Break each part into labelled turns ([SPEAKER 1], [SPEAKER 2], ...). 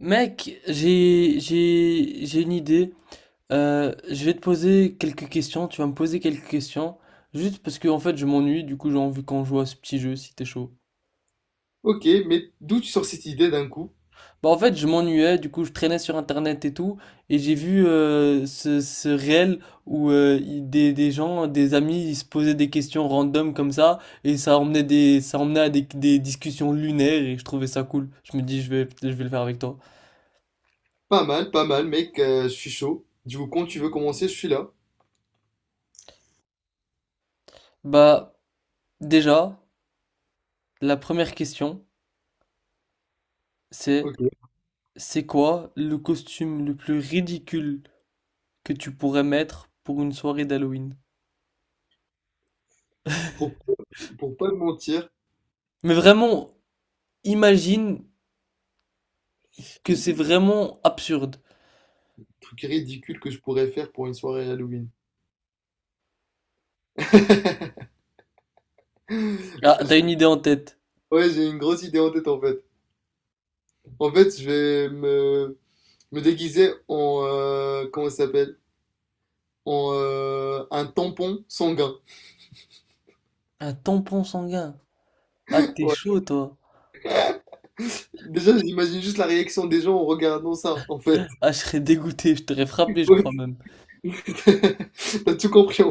[SPEAKER 1] Mec, j'ai une idée. Je vais te poser quelques questions. Tu vas me poser quelques questions. Juste parce que en fait je m'ennuie, du coup j'ai envie qu'on joue à ce petit jeu si t'es chaud.
[SPEAKER 2] Ok, mais d'où tu sors cette idée d'un coup?
[SPEAKER 1] Bah en fait je m'ennuyais, du coup je traînais sur internet et tout, et j'ai vu ce réel où des gens, des amis, ils se posaient des questions random comme ça, et ça emmenait à des discussions lunaires et je trouvais ça cool. Je me dis je vais le faire avec toi.
[SPEAKER 2] Pas mal, pas mal, mec, je suis chaud. Du coup, quand tu veux commencer, je suis là.
[SPEAKER 1] Bah déjà, la première question, c'est
[SPEAKER 2] Ok.
[SPEAKER 1] c'est quoi le costume le plus ridicule que tu pourrais mettre pour une soirée d'Halloween?
[SPEAKER 2] Pour, pour pas te mentir,
[SPEAKER 1] Mais vraiment, imagine que c'est
[SPEAKER 2] le
[SPEAKER 1] vraiment absurde.
[SPEAKER 2] truc ridicule que je pourrais faire pour une soirée Halloween.
[SPEAKER 1] Ah, t'as
[SPEAKER 2] Je-
[SPEAKER 1] une idée en tête.
[SPEAKER 2] Ouais, j'ai une grosse idée en tête en fait. En fait, je vais me déguiser en, comment ça s'appelle? En un tampon sanguin.
[SPEAKER 1] Un tampon sanguin. Ah, t'es
[SPEAKER 2] Ouais.
[SPEAKER 1] chaud, toi.
[SPEAKER 2] Déjà, j'imagine juste la réaction des gens en regardant ça en fait.
[SPEAKER 1] Ah, je serais dégoûté, je t'aurais frappé, je
[SPEAKER 2] Ouais.
[SPEAKER 1] crois même.
[SPEAKER 2] T'as tout compris.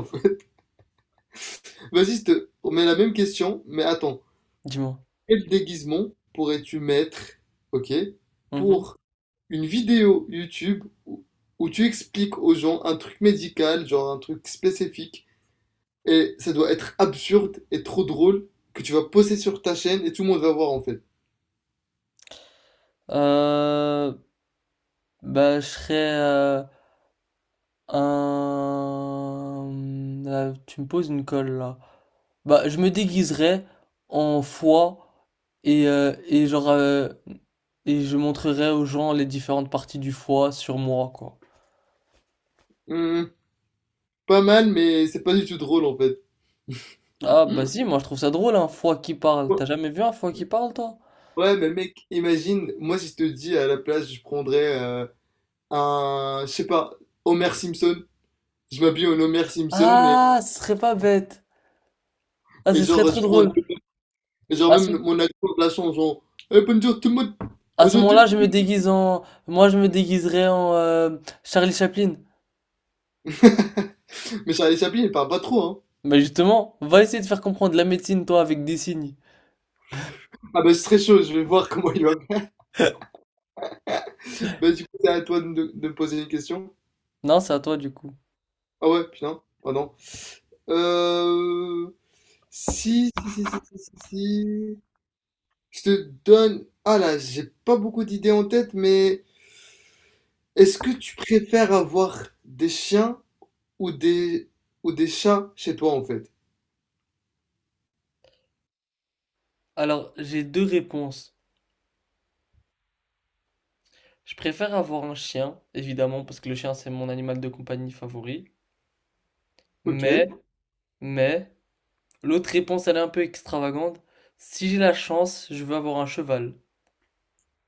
[SPEAKER 2] On met la même question, mais attends.
[SPEAKER 1] Dis-moi.
[SPEAKER 2] Quel déguisement pourrais-tu mettre, ok,
[SPEAKER 1] Mhm.
[SPEAKER 2] pour une vidéo YouTube où tu expliques aux gens un truc médical, genre un truc spécifique, et ça doit être absurde et trop drôle que tu vas poster sur ta chaîne et tout le monde va voir en fait.
[SPEAKER 1] Euh, Bah, je serais un... Là, tu me poses une colle, là. Bah, je me déguiserais en foie. Et, euh, et genre, euh, et je montrerai aux gens les différentes parties du foie sur moi, quoi.
[SPEAKER 2] Hmm, pas mal, mais c'est pas du tout drôle en fait.
[SPEAKER 1] Ah, bah si, moi je trouve ça drôle, un foie qui parle.
[SPEAKER 2] Ouais,
[SPEAKER 1] T'as jamais vu un foie qui parle, toi?
[SPEAKER 2] ouais, mais mec, imagine, moi si je te dis à la place, je prendrais un, je sais pas, Homer Simpson. Je m'habille en Homer Simpson.
[SPEAKER 1] Ah, ce serait pas bête. Ah,
[SPEAKER 2] Et
[SPEAKER 1] ce serait
[SPEAKER 2] genre,
[SPEAKER 1] trop
[SPEAKER 2] je prends.
[SPEAKER 1] drôle.
[SPEAKER 2] Et genre,
[SPEAKER 1] À ce,
[SPEAKER 2] même mon adjoint de la chanson, genre, eh, bonjour tout le monde,
[SPEAKER 1] à ce
[SPEAKER 2] aujourd'hui.
[SPEAKER 1] moment-là, je me déguise en. Moi, je me déguiserais en Charlie Chaplin.
[SPEAKER 2] Mais ça, les applis, elle parle pas trop, hein.
[SPEAKER 1] Mais justement, va essayer de faire comprendre la médecine, toi, avec des signes.
[SPEAKER 2] Ah, bah, c'est très chaud, je vais voir comment il va. Bah, du coup, c'est à toi de me poser une question.
[SPEAKER 1] Non, c'est à toi, du coup.
[SPEAKER 2] Ah, ouais, putain, ah non. Euh. Si, si, si, si, si, si, si. Je te donne. Ah là, j'ai pas beaucoup d'idées en tête, mais est-ce que tu préfères avoir des chiens ou des, ou des chats chez toi, en fait?
[SPEAKER 1] Alors, j'ai deux réponses. Je préfère avoir un chien, évidemment, parce que le chien, c'est mon animal de compagnie favori.
[SPEAKER 2] Ok.
[SPEAKER 1] Mais Mais, l'autre réponse, elle est un peu extravagante. Si j'ai la chance, je veux avoir un cheval.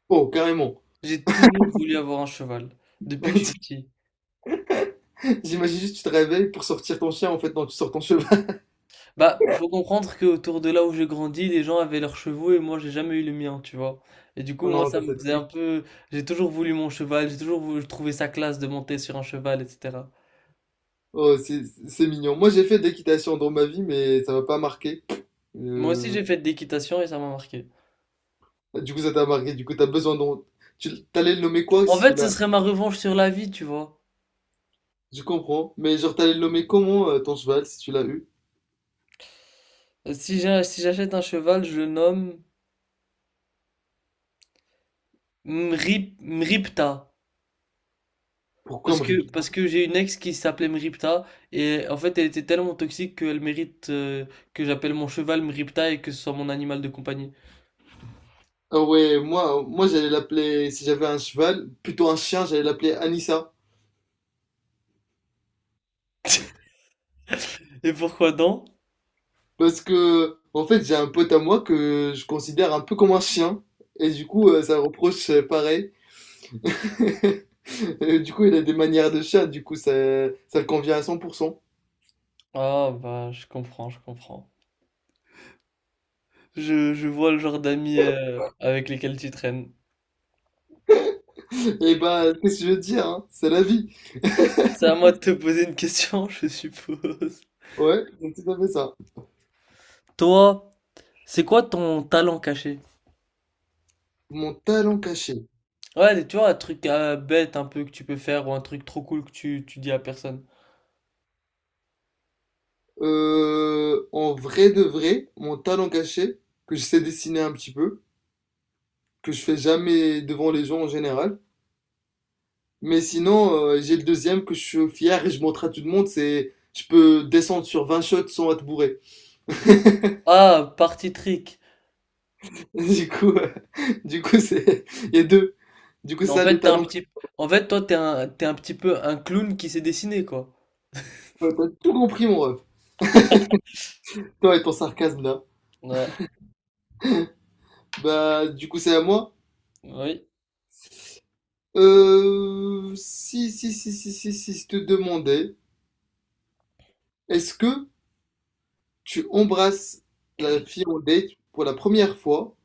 [SPEAKER 2] Oh, carrément.
[SPEAKER 1] J'ai toujours voulu avoir un cheval, depuis que je suis petit.
[SPEAKER 2] J'imagine juste, tu te réveilles pour sortir ton chien, en fait, non, tu sors ton cheval.
[SPEAKER 1] Bah, faut comprendre que autour de là où j'ai grandi, les gens avaient leurs chevaux et moi, j'ai jamais eu le mien, tu vois. Et du coup,
[SPEAKER 2] Oh
[SPEAKER 1] moi,
[SPEAKER 2] non,
[SPEAKER 1] ça
[SPEAKER 2] ça
[SPEAKER 1] me
[SPEAKER 2] c'est
[SPEAKER 1] faisait un
[SPEAKER 2] triste.
[SPEAKER 1] peu... J'ai toujours voulu mon cheval, j'ai toujours voulu trouver sa classe de monter sur un cheval, etc.
[SPEAKER 2] Oh, c'est mignon. Moi, j'ai fait de l'équitation dans ma vie, mais ça m'a pas marqué.
[SPEAKER 1] Moi aussi,
[SPEAKER 2] Euh,
[SPEAKER 1] j'ai fait de l'équitation et ça m'a marqué.
[SPEAKER 2] du coup, ça t'a marqué. Du coup, t'as besoin d'un... Tu t'allais le nommer quoi
[SPEAKER 1] En
[SPEAKER 2] si tu
[SPEAKER 1] fait, ce
[SPEAKER 2] l'as?
[SPEAKER 1] serait ma revanche sur la vie, tu vois.
[SPEAKER 2] Je comprends. Mais genre, t'allais le nommer comment ton cheval si tu l'as eu?
[SPEAKER 1] Si si j'achète un cheval, je le nomme Mripta.
[SPEAKER 2] Pourquoi me rip?
[SPEAKER 1] Parce que j'ai une ex qui s'appelait Mripta et en fait elle était tellement toxique qu'elle mérite que j'appelle mon cheval Mripta et que ce soit mon animal de compagnie.
[SPEAKER 2] Ah ouais, moi j'allais l'appeler, si j'avais un cheval, plutôt un chien, j'allais l'appeler Anissa.
[SPEAKER 1] Et pourquoi donc?
[SPEAKER 2] Parce que, en fait, j'ai un pote à moi que je considère un peu comme un chien. Et du coup, ça reproche pareil. Et du coup, il a des manières de chat, du coup, ça le convient à 100%.
[SPEAKER 1] Ah bah je comprends, je comprends. Je vois le genre d'amis avec lesquels tu traînes.
[SPEAKER 2] Et bah, qu'est-ce que je veux dire, hein? C'est la vie.
[SPEAKER 1] C'est à moi de te poser une question, je suppose.
[SPEAKER 2] Ouais, donc tout à fait ça.
[SPEAKER 1] Toi, c'est quoi ton talent caché?
[SPEAKER 2] Mon talent caché.
[SPEAKER 1] Ouais, tu vois, un truc bête un peu que tu peux faire ou un truc trop cool que tu dis à personne.
[SPEAKER 2] En vrai de vrai, mon talent caché, que je sais dessiner un petit peu, que je fais jamais devant les gens en général. Mais sinon, j'ai le deuxième que je suis fier et je montre à tout le monde, c'est je peux descendre sur 20 shots sans être bourré.
[SPEAKER 1] Ah, party trick.
[SPEAKER 2] Du coup, c'est, il y a deux. Du coup,
[SPEAKER 1] Mais en
[SPEAKER 2] ça, les
[SPEAKER 1] fait, t'es un
[SPEAKER 2] talents que je
[SPEAKER 1] petit... En fait, toi, t'es un petit peu un clown qui s'est dessiné, quoi.
[SPEAKER 2] peux. T'as tout compris, mon ref. Toi et ton sarcasme, là.
[SPEAKER 1] Ouais.
[SPEAKER 2] Bah, du coup, c'est à moi.
[SPEAKER 1] Oui.
[SPEAKER 2] Si, si, si, si, si, si, je te demandais, est-ce que tu embrasses la fille en date pour la première fois,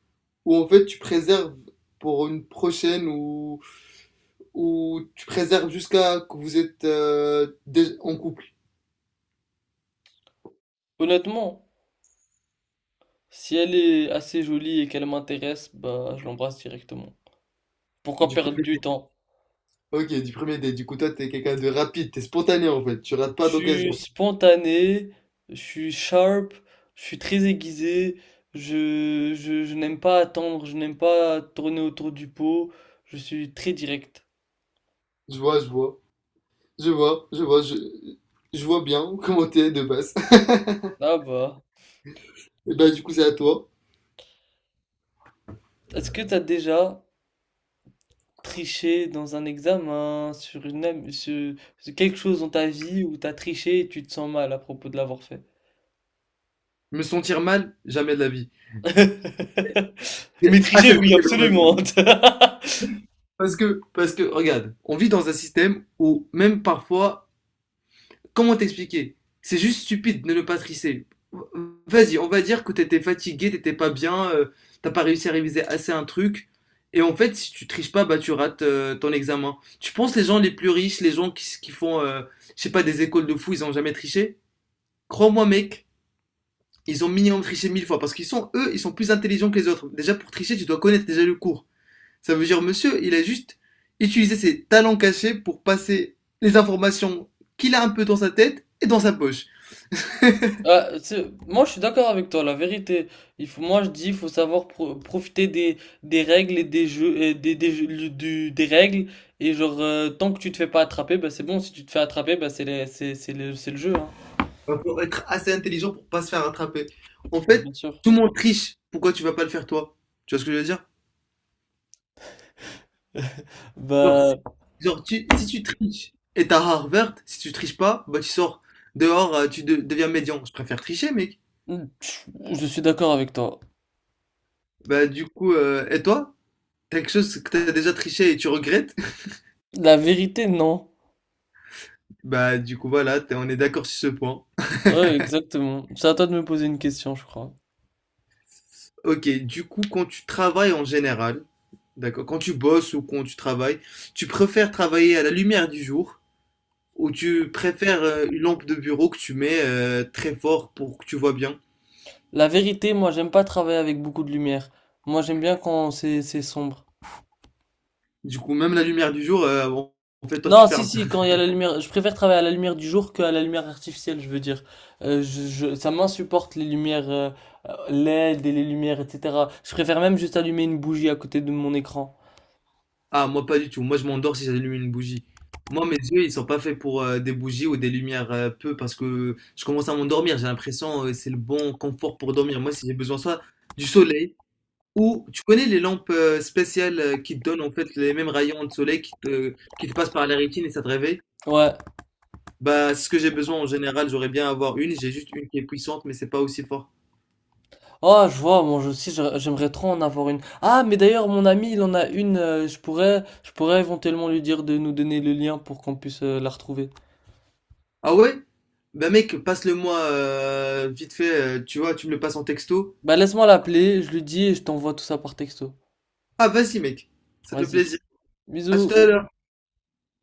[SPEAKER 2] ou en fait tu préserves pour une prochaine, ou tu préserves jusqu'à que vous êtes en couple,
[SPEAKER 1] Honnêtement, si elle est assez jolie et qu'elle m'intéresse, bah, je l'embrasse directement. Pourquoi
[SPEAKER 2] du
[SPEAKER 1] perdre
[SPEAKER 2] premier
[SPEAKER 1] du
[SPEAKER 2] date.
[SPEAKER 1] temps?
[SPEAKER 2] Ok, du premier date. Du coup, toi, t'es quelqu'un de rapide, t'es spontané en fait, tu rates
[SPEAKER 1] Je
[SPEAKER 2] pas
[SPEAKER 1] suis
[SPEAKER 2] d'occasion.
[SPEAKER 1] spontané, je suis sharp, je suis très aiguisé, je n'aime pas attendre, je n'aime pas tourner autour du pot, je suis très direct.
[SPEAKER 2] Je vois, je vois, je vois, je vois, je vois bien comment t'es de base.
[SPEAKER 1] Ah bah,
[SPEAKER 2] Et bah, du coup, c'est à toi.
[SPEAKER 1] est-ce que t'as déjà tricher dans un examen, sur une, am- sur, sur quelque chose dans ta vie où t'as triché et tu te sens mal à propos de l'avoir fait.
[SPEAKER 2] Me sentir mal, jamais de la vie.
[SPEAKER 1] Mais
[SPEAKER 2] Ah, c'est
[SPEAKER 1] tricher,
[SPEAKER 2] vrai que
[SPEAKER 1] oui,
[SPEAKER 2] c'est dans.
[SPEAKER 1] absolument.
[SPEAKER 2] Parce que, regarde, on vit dans un système où même parfois, comment t'expliquer? C'est juste stupide de ne pas tricher. Vas-y, on va dire que t'étais fatigué, t'étais pas bien, t'as pas réussi à réviser assez un truc. Et en fait, si tu triches pas, bah tu rates ton examen. Tu penses les gens les plus riches, les gens qui, qui font, je sais pas, des écoles de fous, ils ont jamais triché? Crois-moi, mec, ils ont minimum triché 1 000 fois parce qu'ils sont, eux, ils sont plus intelligents que les autres. Déjà, pour tricher, tu dois connaître déjà le cours. Ça veut dire, monsieur, il a juste utilisé ses talents cachés pour passer les informations qu'il a un peu dans sa tête et dans sa poche.
[SPEAKER 1] Moi, je suis d'accord avec toi, la vérité. Moi, je dis, il faut savoir profiter des règles et des, jeux- du- des règles. Et genre, tant que tu te fais pas attraper, bah, c'est bon. Si tu te fais attraper, bah, c'est les- c'est le jeu, hein.
[SPEAKER 2] Il faut être assez intelligent pour pas se faire attraper. En
[SPEAKER 1] Mais
[SPEAKER 2] fait,
[SPEAKER 1] bien sûr.
[SPEAKER 2] tout le monde triche. Pourquoi tu vas pas le faire toi? Tu vois ce que je veux dire? Genre,
[SPEAKER 1] Bah,
[SPEAKER 2] genre, si tu triches et t'as rare verte, si tu triches pas, bah tu sors dehors, tu deviens médian. Je préfère tricher, mec.
[SPEAKER 1] je je suis d'accord avec toi.
[SPEAKER 2] Bah du coup, et toi, t'as quelque chose que t'as déjà triché et tu regrettes?
[SPEAKER 1] La vérité, non.
[SPEAKER 2] Bah du coup, voilà, on est d'accord sur ce point.
[SPEAKER 1] Ouais, exactement. C'est à toi de me poser une question, je crois.
[SPEAKER 2] Ok, du coup, quand tu travailles en général, d'accord, quand tu bosses ou quand tu travailles, tu préfères travailler à la lumière du jour ou tu préfères une lampe de bureau que tu mets très fort pour que tu vois bien?
[SPEAKER 1] La vérité, moi, j'aime pas travailler avec beaucoup de lumière. Moi, j'aime bien quand c'est sombre.
[SPEAKER 2] Du coup, même la lumière du jour, en fait, toi, tu
[SPEAKER 1] Non, si,
[SPEAKER 2] fermes.
[SPEAKER 1] si, quand il y a la lumière, je préfère travailler à la lumière du jour qu'à la lumière artificielle, je veux dire. Ça m'insupporte les lumières LED et les lumières, etc. Je préfère même juste allumer une bougie à côté de mon écran.
[SPEAKER 2] Ah, moi, pas du tout. Moi, je m'endors si j'allume une bougie. Moi, mes yeux, ils sont pas faits pour des bougies ou des lumières peu parce que je commence à m'endormir. J'ai l'impression c'est le bon confort pour dormir. Moi, si j'ai besoin soit du soleil. Ou tu connais les lampes spéciales qui te donnent en fait les mêmes rayons de soleil qui te passent par la rétine et ça te réveille?
[SPEAKER 1] Ouais.
[SPEAKER 2] Bah, c'est ce que j'ai besoin en général, j'aurais bien à avoir une, j'ai juste une qui est puissante mais c'est pas aussi fort.
[SPEAKER 1] Oh, je vois, moi aussi j'aimerais trop en avoir une. Ah, mais d'ailleurs mon ami, il en a une, je pourrais éventuellement lui dire de nous donner le lien pour qu'on puisse la retrouver.
[SPEAKER 2] Ah ouais? Bah mec, passe-le-moi vite fait, tu vois, tu me le passes en texto.
[SPEAKER 1] Bah laisse-moi l'appeler, je lui dis et je t'envoie tout ça par texto.
[SPEAKER 2] Ah vas-y mec, ça fait
[SPEAKER 1] Vas-y.
[SPEAKER 2] plaisir. À
[SPEAKER 1] Bisous.
[SPEAKER 2] tout à l'heure.